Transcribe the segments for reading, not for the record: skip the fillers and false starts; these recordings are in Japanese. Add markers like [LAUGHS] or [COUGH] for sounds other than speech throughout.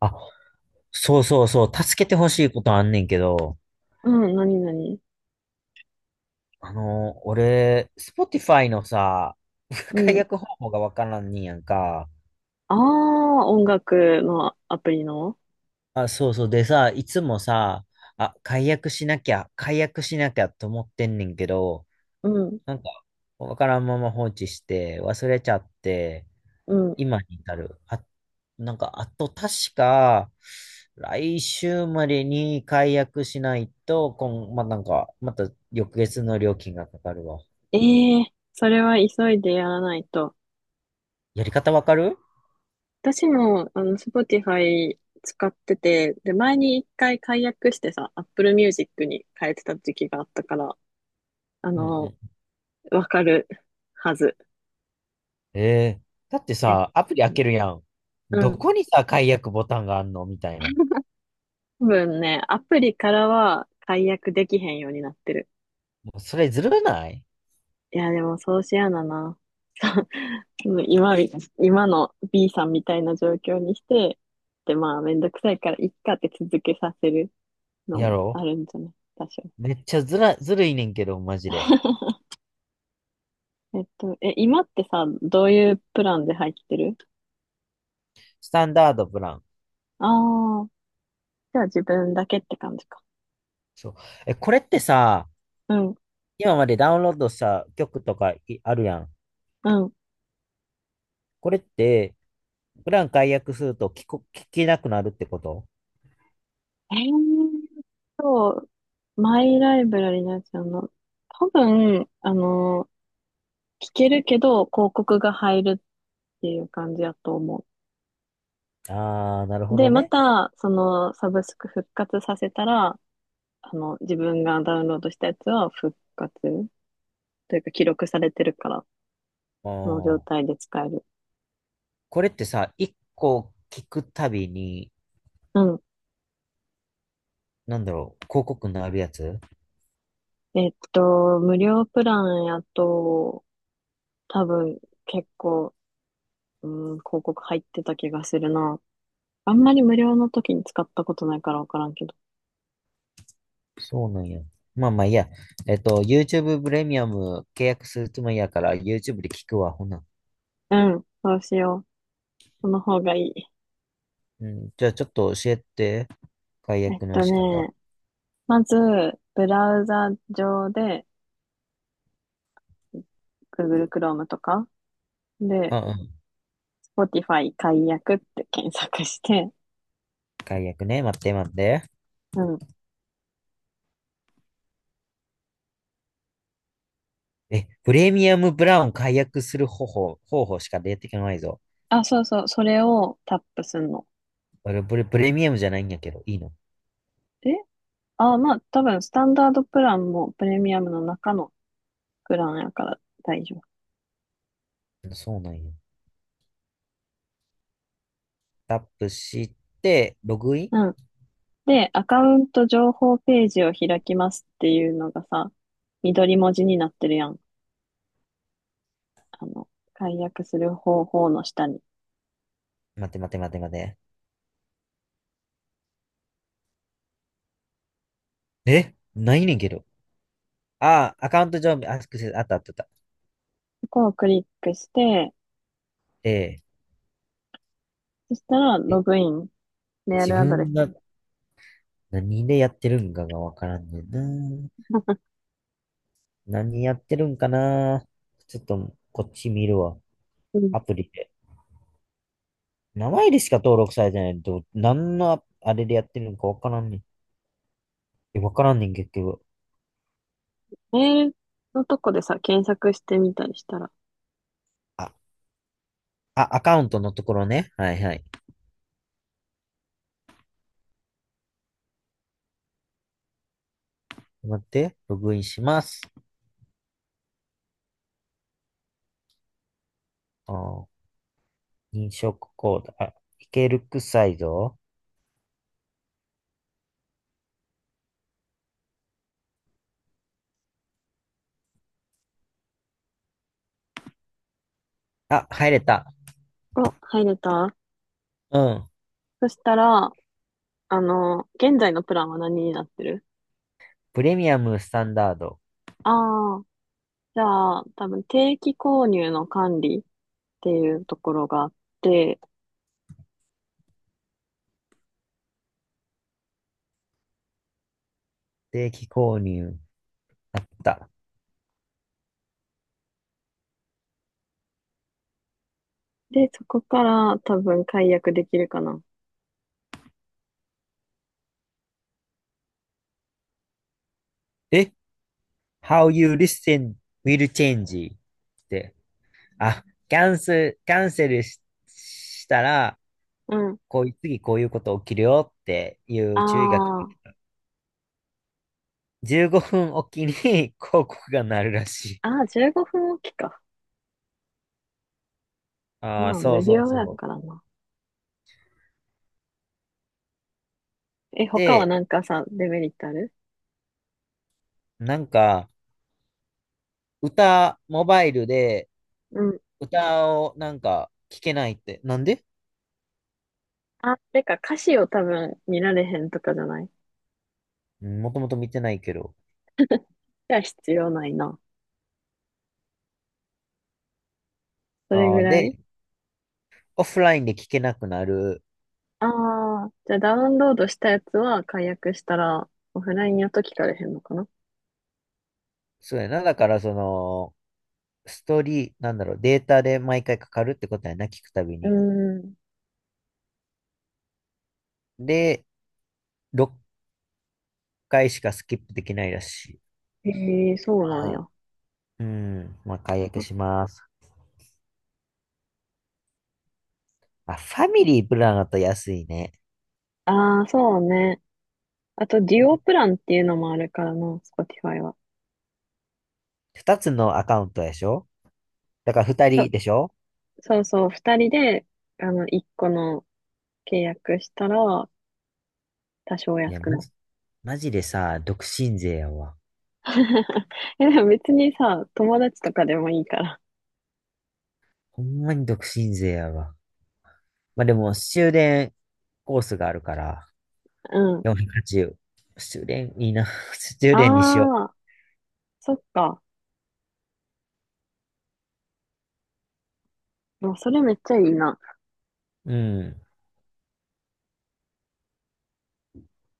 あ、そうそうそう、助けてほしいことあんねんけど、うん、なになに。俺、Spotify のさ、[LAUGHS] う解ん。約方法がわからんねんやんか。ああ、音楽のアプリの。あ、そうそう。でさ、いつもさ、あ、解約しなきゃと思ってんねんけど、うん、なんか、わからんまま放置して、忘れちゃって、うん。今に至る。あと確か、来週までに解約しないと、こん、まあ、なんか、また翌月の料金がかかるわ。ええ、それは急いでやらないと。やり方わかる？私も、Spotify 使ってて、で、前に一回解約してさ、Apple Music に変えてた時期があったから、あうんの、うわかるはず。ん。えー、だってえ、さ、アプリ開けるやん。うどん。こにさ、解約ボタンがあんのみたいな。多分ね、アプリからは解約できへんようになってる。もうそれずるないいや、でもそうしやだな。[LAUGHS] うん今み、今の B さんみたいな状況にして、で、まあ、めんどくさいから、いっかって続けさせるのやもあろ？るんじゃない多少。めっちゃずら、ずるいねんけど、マジで。[LAUGHS] 今ってさ、どういうプランで入ってる？スタンダードプラン。あ、あー、じゃあ自分だけって感じか。そう。え、これってさ、うん、今までダウンロードした曲とかいあるやん。うん。これって、プラン解約すると聞けなくなるってこと？えーと、マイライブラリのやつ多分、聞けるけど、広告が入るっていう感じやと思あー、なるう。ほで、どまね。た、その、サブスク復活させたら、あの、自分がダウンロードしたやつは復活というか記録されてるから、あその状ー。態で使える。これってさ、一個聞くたびに、うん。なんだろう、広告になるやつ？えっと、無料プランやと、多分結構、うん、広告入ってた気がするな。あんまり無料の時に使ったことないからわからんけど。そうなんや。まあまあいいや。えっと、YouTube プレミアム契約するつもりやから、YouTube で聞くわ、ほな。うん、そうしよう。その方がいい。うん、じゃあちょっと教えて。解えっ約のと仕方。ね、まず、ブラウザ上で、Google Chrome とかうで、んうん。Spotify 解約って検索して、解約ね。待って待って。うん。え、プレミアムブラウン解約する方法、方法しか出てこないぞ。あ、そうそう、それをタップすんの。俺、プレミアムじゃないんやけど、いいの？え、あ、まあ、多分、スタンダードプランもプレミアムの中のプランやから大丈夫。そうなんや。タップして、ログイン。うん。で、アカウント情報ページを開きますっていうのがさ、緑文字になってるやん。あの、解約する方法の下に。待って待って待って待って。えないねんけど。ああ、アカウント上、アクセス、あったあったあった。ここをクリックして、ええそしたら、えログイン、メー自ルアドレス。分が何でやってるんかがわからんねんな。何やってるんかな。ちょっと、こっち見るわ。うん。アプリで。名前でしか登録されてないと、何のあれでやってるんかわからんねん。え、わからんねん、結局。メールのとこでさ、検索してみたりしたら？あ、あ、アカウントのところね。はいはい。待って、ログインします。あー、認証コード。あ、いけるくさいぞ。あ、入れた。お、入れた。うん。そしたら、あの、現在のプランは何になってる？プレミアムスタンダード。ああ、じゃあ、多分定期購入の管理っていうところがあって、定期購入。だ。で、そこから多分解約できるかな。え How you listen will change って、あ、キャンセルし、したら、うん。こういう、次こういうこと起きるよっていう注意が、あ15分おきに [LAUGHS] 広告が鳴るらしい。あ、ああ、15分おきか。ああ、まあ、そ無うそう料そだう。からな。え、他はで、なんかさ、デメリットある？なんか、モバイルでうん。歌をなんか聞けないって、なんで？あ、てか、歌詞を多分見られへんとかじゃない？もともと見てないけど。じゃあ必要ないな。それあぐあ、らい。で、オフラインで聞けなくなる。ああー、じゃあダウンロードしたやつは解約したら、オフラインやと聞かれへんのかな？そうやな。だから、その、ストーリー、なんだろう、データで毎回かかるってことやな、聞くたびうに。ーん。で、6回しかスキップできないらしい。へえ、そうなんあや。うん、まあ、解約します。まあ、ファミリープランだと安いね。ああ、そうね。あと、デュオプランっていうのもあるからな、Spotify は。2つのアカウントでしょ？だから2そ、人でしょ？そうそう、二人で、あの、一個の契約したら、多少安いや、くマなっジ、マジでさ、独身税やわ。た。[LAUGHS] え、でも別にさ、友達とかでもいいから。ほんまに独身税やわ。まあでも、終電コースがあるから、うん。480。終電いいな。[LAUGHS] 終電にしよああ、そっか。もうそれめっちゃいいな。う。うん。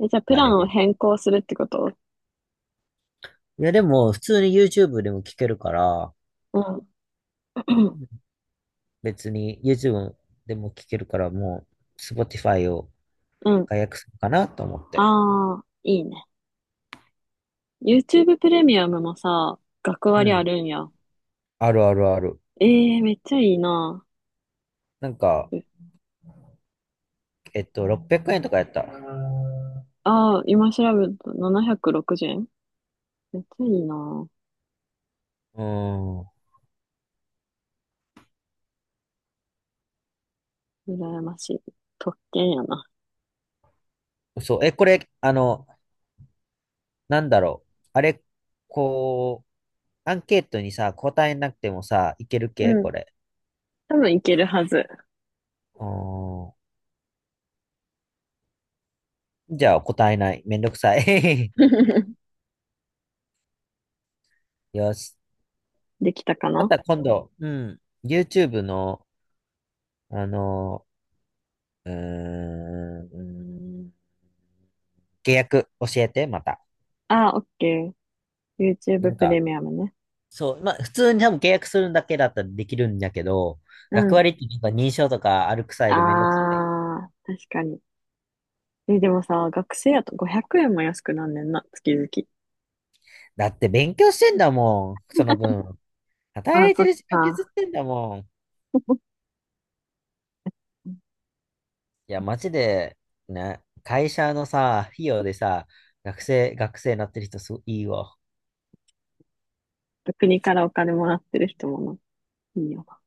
え、じゃあ、プまあラでンをも、変更するってこと？いや、でも、普通に YouTube でも聞けるから、うん。[CLEARS THROAT] 別に YouTube でも聞けるから、もう、Spotify をうん。解約するかなと思って。ああ、いいね。YouTube プレミアムもさ、学う割あん。るんや。あるあるある。ええー、めっちゃいいな。なんか、600円とかやった。うああ、今調べると760円。めっちゃいいなぁ。ーん。羨ましい。特権やな。そう。え、これ、あの、なんだろう。あれ、こう、アンケートにさ、答えなくてもさ、いけるう系ん。これ？多分いけるはず。うーん。じゃあ、答えない。めんどくさい。[LAUGHS] [LAUGHS] よし。できたかまな？た今度、うん。YouTube の、あのうーん、契約教えて、また。ああ、オッケー。YouTube なんプレか、ミアムね。普通に多分契約するだけだったらできるんだけど、う学ん。割ってなんか認証とかあるくさあいでめんどくさい。あ、確かに。え、でもさ、学生やと500円も安くなんねんな、月々。だって勉強してんだもん、その分。あ働あ、いてそっる時間削か。ってんだもん。い [LAUGHS] や、マジで、ね、会社のさ、費用でさ、学生なってる人すごいいいわ。国からお金もらってる人もな。いいよな。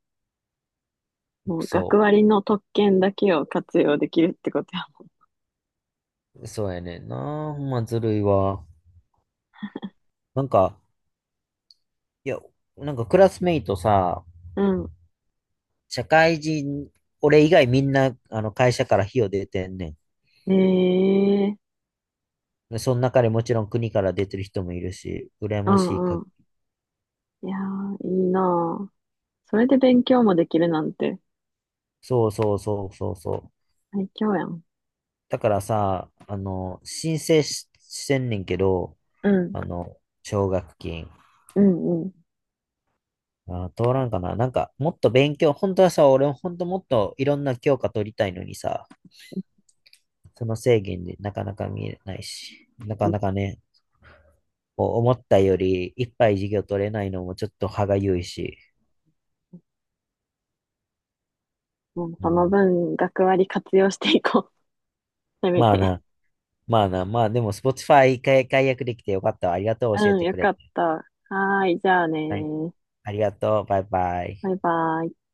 もう学そ割の特権だけを活用できるってことや。そうやねんな。ほんまずるいわ。なんか、いや、クラスメイトさ、うん。社会人、俺以外みんな、あの、会社から費用出てんねん。ええ。その中でもちろん国から出てる人もいるし、羨うましいんか。うん。いやー、いいなあ。それで勉強もできるなんてそうそうそうそうそう。最強やん。だからさ、あの、申請し、してんねんけど、うん、あの、奨学金。うん、うん。あー、通らんかな。もっと勉強、本当はさ、俺本当もっといろんな教科取りたいのにさ、その制限でなかなか見えないし、なうかなかん。ね、こう思ったよりいっぱい授業取れないのもちょっと歯がゆいし、もううそのん、分、学割活用していこう。[LAUGHS] せめまあて。な、まあな、まあでも Spotify 解約できてよかったわ。ありがとう、教えうん、てよくれかて。った。はーい、じゃあねはい、ー。ありがとう、バイバイ。バイバイ。